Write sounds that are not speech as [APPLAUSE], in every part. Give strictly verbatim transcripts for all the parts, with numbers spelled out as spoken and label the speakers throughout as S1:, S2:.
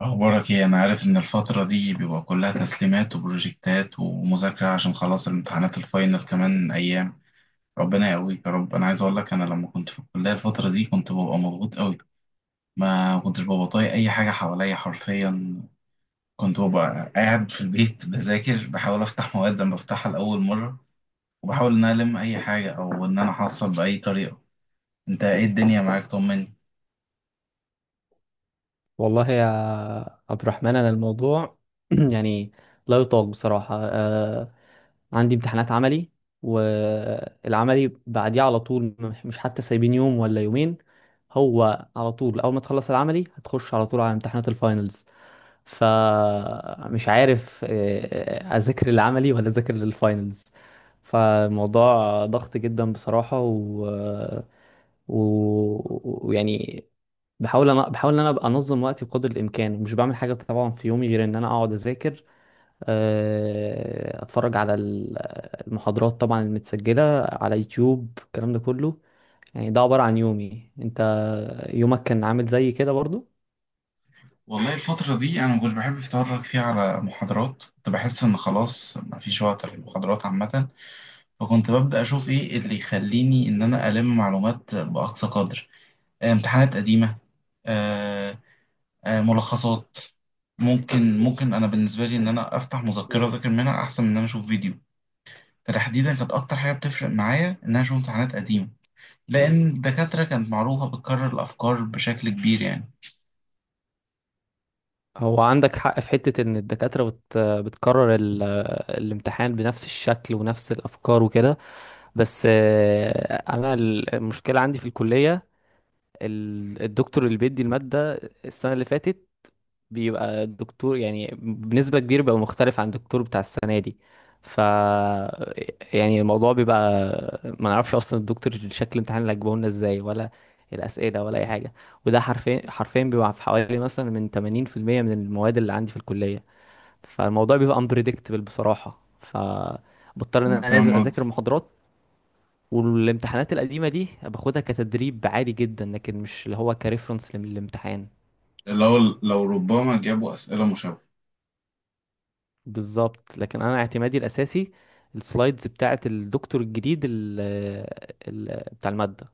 S1: أخبارك إيه؟ أنا عارف إن الفترة دي بيبقى كلها تسليمات وبروجكتات ومذاكرة عشان خلاص الامتحانات الفاينل كمان أيام، ربنا يقويك يا رب، أنا عايز أقول لك أنا لما كنت في الكلية الفترة دي كنت ببقى مضغوط أوي، ما كنتش ببقى طايق أي حاجة حواليا حرفيًا، كنت ببقى قاعد في البيت [LAUGHS] بذاكر بحاول أفتح مواد لما بفتحها لأول مرة وبحاول إن أنا ألم أي حاجة أو إن أنا أحصل بأي طريقة، أنت إيه الدنيا معاك طمني؟
S2: والله يا عبد الرحمن انا الموضوع [CLEARS THROAT] يعني لا يطاق بصراحه. آه عندي امتحانات عملي، والعملي بعديه على طول، مش مش حتى سايبين يوم ولا يومين، هو على طول اول ما تخلص العملي هتخش على طول على امتحانات الفاينلز. فمش عارف آه، اذاكر العملي ولا اذاكر للفاينلز. فالموضوع ضغط جدا بصراحه و ويعني بحاول انا بحاول ان انا ابقى انظم وقتي بقدر الامكان، ومش بعمل حاجه طبعا في يومي غير ان انا اقعد اذاكر، آه، اتفرج على ال- المحاضرات طبعا المتسجله على يوتيوب، الكلام ده كله. يعني ده عباره عن يومي. انت يومك كان عامل زي كده برضو؟
S1: والله الفترة دي أنا مكنتش بحب أتفرج فيها على محاضرات، كنت بحس إن خلاص مفيش وقت للمحاضرات عامة. فكنت ببدأ أشوف إيه اللي يخليني إن أنا ألم معلومات بأقصى قدر. آه، امتحانات قديمة. آه، آه، ملخصات. ممكن ممكن أنا بالنسبة لي إن أنا أفتح مذكرة
S2: مم.
S1: أذاكر منها أحسن من إن أنا أشوف فيديو. فتحديدا كانت أكتر حاجة بتفرق معايا إن أنا أشوف امتحانات قديمة لأن الدكاترة كانت معروفة بتكرر الأفكار بشكل كبير يعني.
S2: هو عندك حق في حته ان الدكاتره بت بتكرر ال- الامتحان بنفس الشكل ونفس الافكار وكده. بس آه، انا المشكله عندي في الكليه، ال- الدكتور اللي بيدي الماده السنه اللي فاتت بيبقى الدكتور يعني بنسبة كبيرة بيبقى مختلف عن الدكتور بتاع السنة دي. ف يعني الموضوع بيبقى، ما نعرفش اصلا الدكتور شكل الامتحان اللي هيجيبه لنا ازاي، ولا الاسئله، ولا اي حاجه. وده حرفيا حرفيا بيبقى في حوالي مثلا من ثمانين في المية من المواد اللي عندي في الكليه. فالموضوع بيبقى unpredictable بصراحه، فبضطر ان
S1: أنا
S2: انا لازم
S1: فاهم
S2: اذاكر
S1: قصدي.
S2: المحاضرات، والامتحانات القديمه دي باخدها كتدريب عادي جدا، لكن مش اللي هو كريفرنس للامتحان.
S1: لو لو ربما جابوا أسئلة مشابهة.
S2: بالظبط، لكن انا اعتمادي الاساسي السلايدز بتاعه الدكتور الجديد، ال ال بتاع الماده،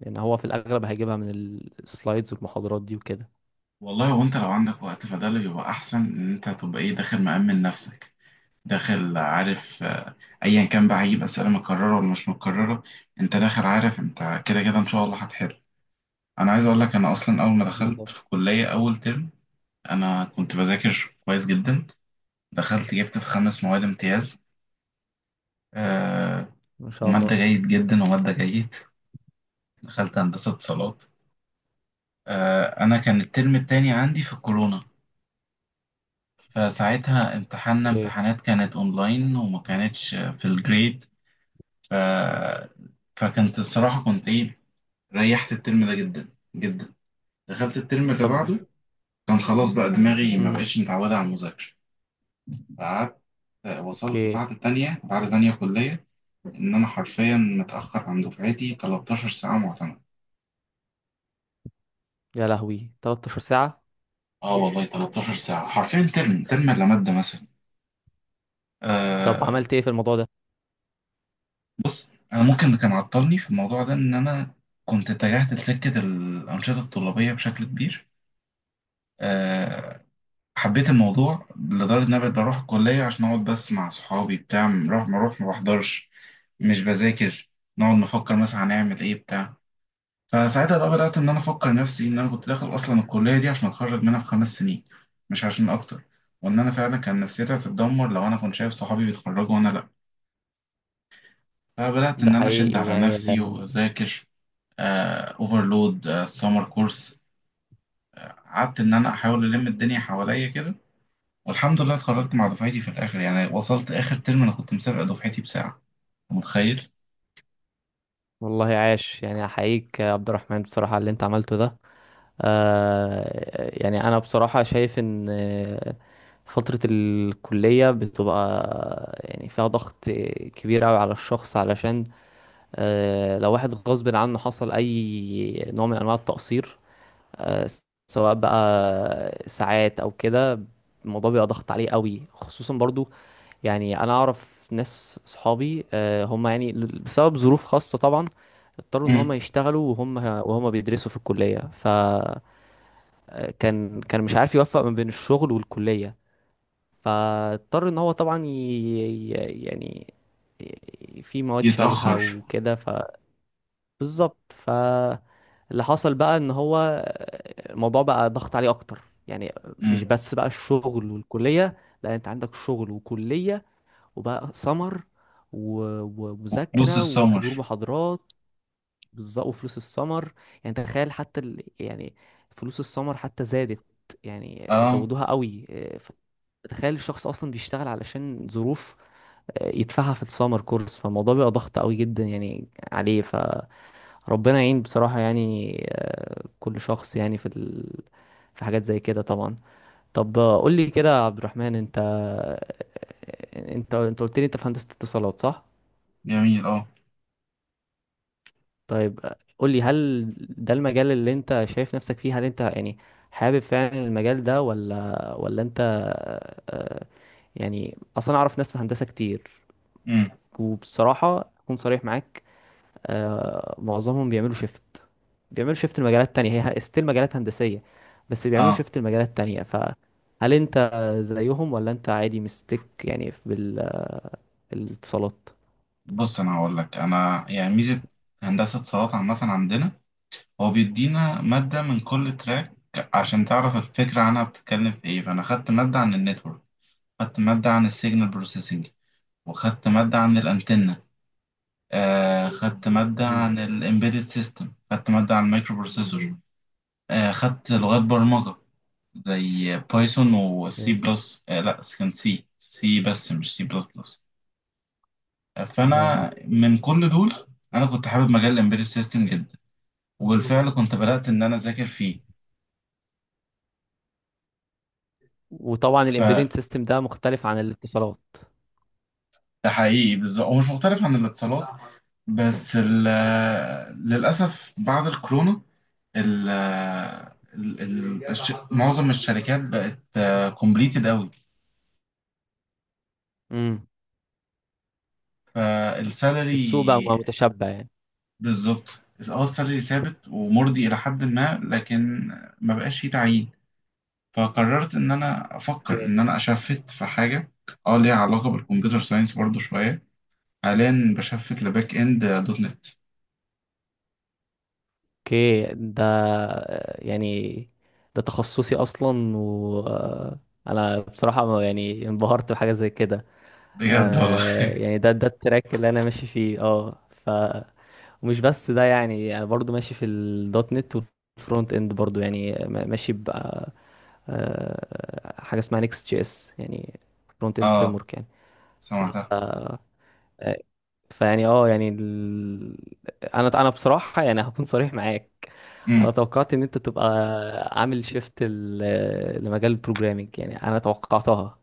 S2: لان هو في الاغلب هيجيبها من السلايدز والمحاضرات دي وكده.
S1: والله وانت لو عندك وقت فده اللي بيبقى احسن ان انت تبقى ايه داخل مأمن نفسك، داخل عارف، آه، ايا كان بقى هيجيب اسئله مكرره ولا مش مكرره، انت داخل عارف انت، كده كده ان شاء الله هتحل. انا عايز اقول لك انا اصلا اول ما دخلت
S2: بالظبط.
S1: في كليه اول ترم انا كنت بذاكر كويس جدا. دخلت جبت في خمس مواد امتياز، آه،
S2: ما شاء الله.
S1: وماده جيد جدا وماده جيد. دخلت هندسه اتصالات. آه انا كان الترم التاني عندي في الكورونا، فساعتها امتحاننا
S2: اوكي.
S1: امتحانات كانت اونلاين وما كانتش في الجريد. ف... فكنت الصراحة كنت ايه، ريحت الترم ده جدا جدا. دخلت الترم اللي
S2: طب.
S1: بعده كان خلاص بقى دماغي ما
S2: امم.
S1: بقتش متعودة على المذاكرة. قعدت وصلت
S2: اوكي،
S1: بعد تانية بعد تانية كلية، إن أنا حرفيا متأخر عن دفعتي 13 ساعة معتمد.
S2: يا لهوي، تلتاشر ساعه؟
S1: اه والله 13 ساعة حرفيا ترم ترم إلا مادة
S2: طب
S1: مثلا.
S2: عملت ايه في الموضوع ده؟
S1: بص انا ممكن اللي كان عطلني في الموضوع ده ان انا كنت اتجهت لسكه الانشطه الطلابيه بشكل كبير. أه، حبيت الموضوع لدرجه ان انا بقيت بروح الكليه عشان اقعد بس مع صحابي، بتاع نروح ما اروح ما بحضرش، مش بذاكر، نقعد نفكر مثلا هنعمل ايه بتاع. فساعتها بقى بدات ان انا افكر نفسي ان انا كنت داخل اصلا الكليه دي عشان اتخرج منها في خمس سنين، مش عشان اكتر. وان انا فعلا كان نفسيتي هتتدمر لو انا كنت شايف صحابي بيتخرجوا وانا لا. فبدات
S2: ده
S1: ان انا اشد
S2: حقيقي
S1: على
S2: يعني
S1: نفسي
S2: يعني.
S1: واذاكر، اوفرلود سمر كورس. قعدت ان انا احاول الم الدنيا حواليا كده. والحمد لله اتخرجت مع دفعتي في الاخر، يعني وصلت اخر ترم انا كنت مسابق دفعتي بساعه. أنت متخيل؟
S2: والله عاش، يعني احييك يا عبد الرحمن بصراحه على اللي انت عملته ده. آه، يعني انا بصراحة شايف ان آه، فترة الكلية بتبقى يعني فيها ضغط كبير قوي على الشخص، علشان آه، لو واحد غصب عنه حصل اي نوع من انواع التقصير، آه، سواء بقى ساعات او كده، الموضوع بيبقى ضغط عليه قوي. خصوصا برضو يعني انا اعرف ناس صحابي، آه، هم يعني بسبب ظروف خاصة طبعا اضطروا ان هم
S1: امم،
S2: يشتغلوا وهم وهم بيدرسوا في الكلية. ف كان كان مش عارف يوفق ما بين الشغل والكلية، فاضطر ان هو طبعا ي... ي- يعني ي- في مواد شالها
S1: يتاخر،
S2: وكده. فبالظبط، فاللي حصل بقى ان هو الموضوع بقى ضغط عليه اكتر. يعني
S1: امم،
S2: مش بس بقى الشغل والكلية، لا، انت عندك شغل وكلية، وبقى سمر،
S1: وفلوس
S2: ومذاكرة، وحضور
S1: السمر،
S2: محاضرات. بالظبط، وفلوس السمر. يعني تخيل حتى ال... يعني فلوس السمر حتى زادت، يعني
S1: اه،
S2: زودوها قوي إيه، ف- تخيل الشخص اصلا بيشتغل علشان ظروف آه، يدفعها في السمر كورس. فالموضوع بيبقى ضغط قوي جدا يعني عليه. فربنا يعين بصراحة. يعني آه، كل شخص يعني في ال... في حاجات زي كده طبعا. طب آه، قول لي كده يا عبد الرحمن، انت آه، انت انت قلت لي انت في هندسة اتصالات، صح؟
S1: جميل اه،
S2: طيب قول لي، هل ده المجال اللي انت شايف نفسك فيه؟ هل انت يعني حابب فعلا المجال ده ولا ولا انت آه، يعني؟ اصلا اعرف ناس في هندسة كتير،
S1: امم،
S2: وبصراحة اكون صريح معاك، آه، معظمهم بيعملوا شيفت. بيعملوا شيفت لمجالات تانية، هي ستيل مجالات هندسية، بس بيعملوا
S1: اه.
S2: شيفت لمجالات تانية. فهل انت زيهم، ولا انت عادي مستك يعني بالاتصالات؟
S1: بص انا هقول لك انا يعني ميزه هندسه اتصالات عامه عندنا هو بيدينا ماده من كل تراك عشان تعرف الفكره عنها بتتكلم في ايه. فانا خدت ماده عن النتورك، خدت ماده عن السيجنال بروسيسنج، وخدت مادة عن الأنتنة. آه خدت مادة
S2: مم.
S1: عن الإمبيدد سيستم، خدت مادة عن المايكرو بروسيسور. آه خدت لغات برمجة زي بايثون وسي
S2: اوكي.
S1: بلس، آه لا كان سي سي بس مش سي بلس بلس. آه
S2: تمام.
S1: فأنا من كل دول أنا كنت حابب مجال الإمبيدد سيستم جدا، وبالفعل كنت بدأت إن أنا أذاكر فيه.
S2: وطبعا
S1: فده
S2: الامبيدنت سيستم ده مختلف عن الاتصالات.
S1: حقيقي بالظبط هو مش مختلف عن الاتصالات، بس ال- للأسف بعد الكورونا ال ال- ال- الش- معظم الشركات بقت كومبليتد قوي.
S2: امم. السوق بقى بقى
S1: فالسالري،
S2: متشبع يعني.
S1: بالظبط، اه السالري ثابت ومرضي الى حد ما، لكن ما بقاش فيه تعيين. فقررت ان انا افكر
S2: اوكي.
S1: ان انا اشفت في حاجه اه ليها علاقه بالكمبيوتر ساينس برضو شويه. حاليا بشفت لباك اند دوت نت.
S2: اوكي، ده يعني ده تخصصي اصلا، و آه، انا بصراحه ما- يعني انبهرت بحاجه زي كده.
S1: بجد والله،
S2: آه، يعني ده ده التراك اللي انا ماشي فيه. اه ف ومش بس ده، يعني يعني برضو ماشي في الدوت نت، والفرونت اند برضو، يعني ما- ماشي بقى حاجه اسمها نيكست جي اس، يعني فرونت اند فريم
S1: اه،
S2: ورك.
S1: سمعتها،
S2: يعني فيعني اه يعني ال... انا انا بصراحه يعني هكون صريح معاك،
S1: امم،
S2: انا توقعت ان انت تبقى عامل شيفت لمجال البروجرامينج، يعني انا توقعتها.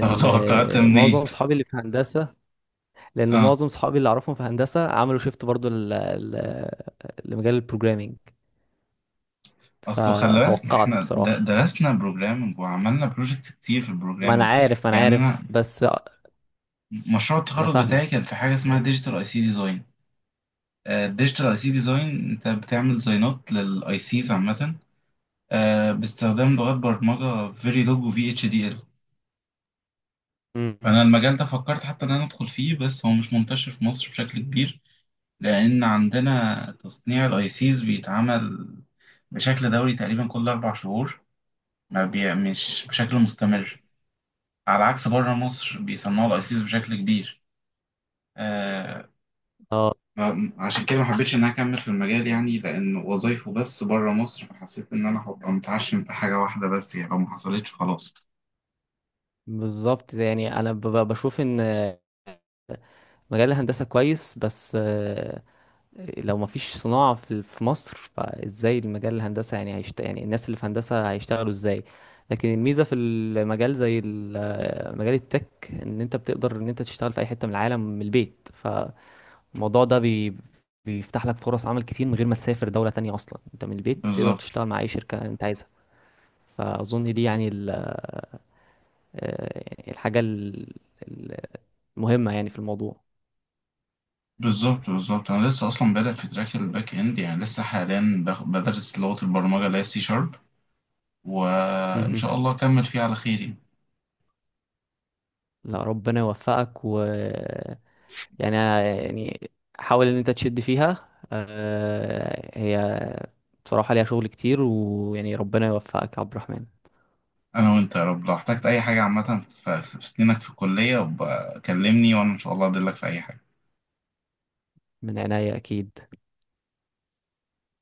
S1: طب توقعت منين؟
S2: معظم صحابي اللي في هندسه لان
S1: اه
S2: معظم صحابي اللي اعرفهم في هندسه عملوا شيفت برضو ل... ل... لمجال البروجرامينج.
S1: اصل خلي بالك
S2: فتوقعت
S1: احنا د-
S2: بصراحه،
S1: درسنا بروجرامنج وعملنا بروجكت كتير في
S2: ما انا
S1: البروجرامنج
S2: عارف، ما انا
S1: يعني. انا
S2: عارف بس.
S1: مشروع
S2: انا
S1: التخرج
S2: فاهمك.
S1: بتاعي كان في حاجه اسمها ديجيتال اي سي ديزاين. الديجيتال اي سي ديزاين انت بتعمل ديزاينات للاي سيز عامه، آه، باستخدام لغات برمجه فيريلوج وفي اتش دي ال.
S2: مم.
S1: فانا المجال ده فكرت حتى ان انا ادخل فيه بس هو مش منتشر في مصر بشكل كبير، لان عندنا تصنيع الاي سيز بيتعمل بشكل دوري تقريبا كل اربع شهور، ما بي... مش بشكل
S2: مم.
S1: مستمر. على عكس بره مصر بيصنعوا الأيسيس بشكل كبير. آه،
S2: اه،
S1: ما- عشان كده ما حبيتش إن أنا أكمل في المجال يعني، لأن وظايفه بس بره مصر، فحسيت إن أنا هبقى متعشم في حاجة واحدة بس يعني لو ما حصلتش خلاص.
S2: بالظبط، يعني انا ب- ب- بشوف ان مجال الهندسة كويس، بس آه، لو مفيش صناعة في في مصر، فازاي المجال الهندسة يعني هيشت... يعني الناس اللي في هندسة هيشتغلوا ازاي؟ لكن الميزة في المجال زي ال- آه، مجال التك، ان انت بتقدر ان انت تشتغل في اي حتة من العالم من البيت. فالموضوع ده بي... بيفتح لك فرص عمل كتير من غير ما تسافر دولة تانية. اصلا انت من البيت تقدر
S1: بالظبط
S2: تشتغل مع اي شركة انت عايزها. فاظن دي يعني ال... آه، يعني الحاجة ال- المهمة يعني في الموضوع.
S1: بالظبط بالظبط انا لسه اصلا بادئ في تراك الباك اند، يعني لسه حاليا بخ- بدرس لغة البرمجة اللي هي سي شارب، وان شاء الله اكمل فيه على خير يعني.
S2: لا، ربنا يوفقك. و يعني آه، يعني حاول ان انت تشد فيها. آه، هي بصراحة ليها شغل كتير، ويعني ربنا يوفقك يا عبد الرحمن.
S1: انا وانت يا رب، لو احتجت اي حاجة عامة في في سنينك في الكلية بقى كلمني وانا ان شاء الله ادلك في اي حاجة.
S2: من عناية اكيد.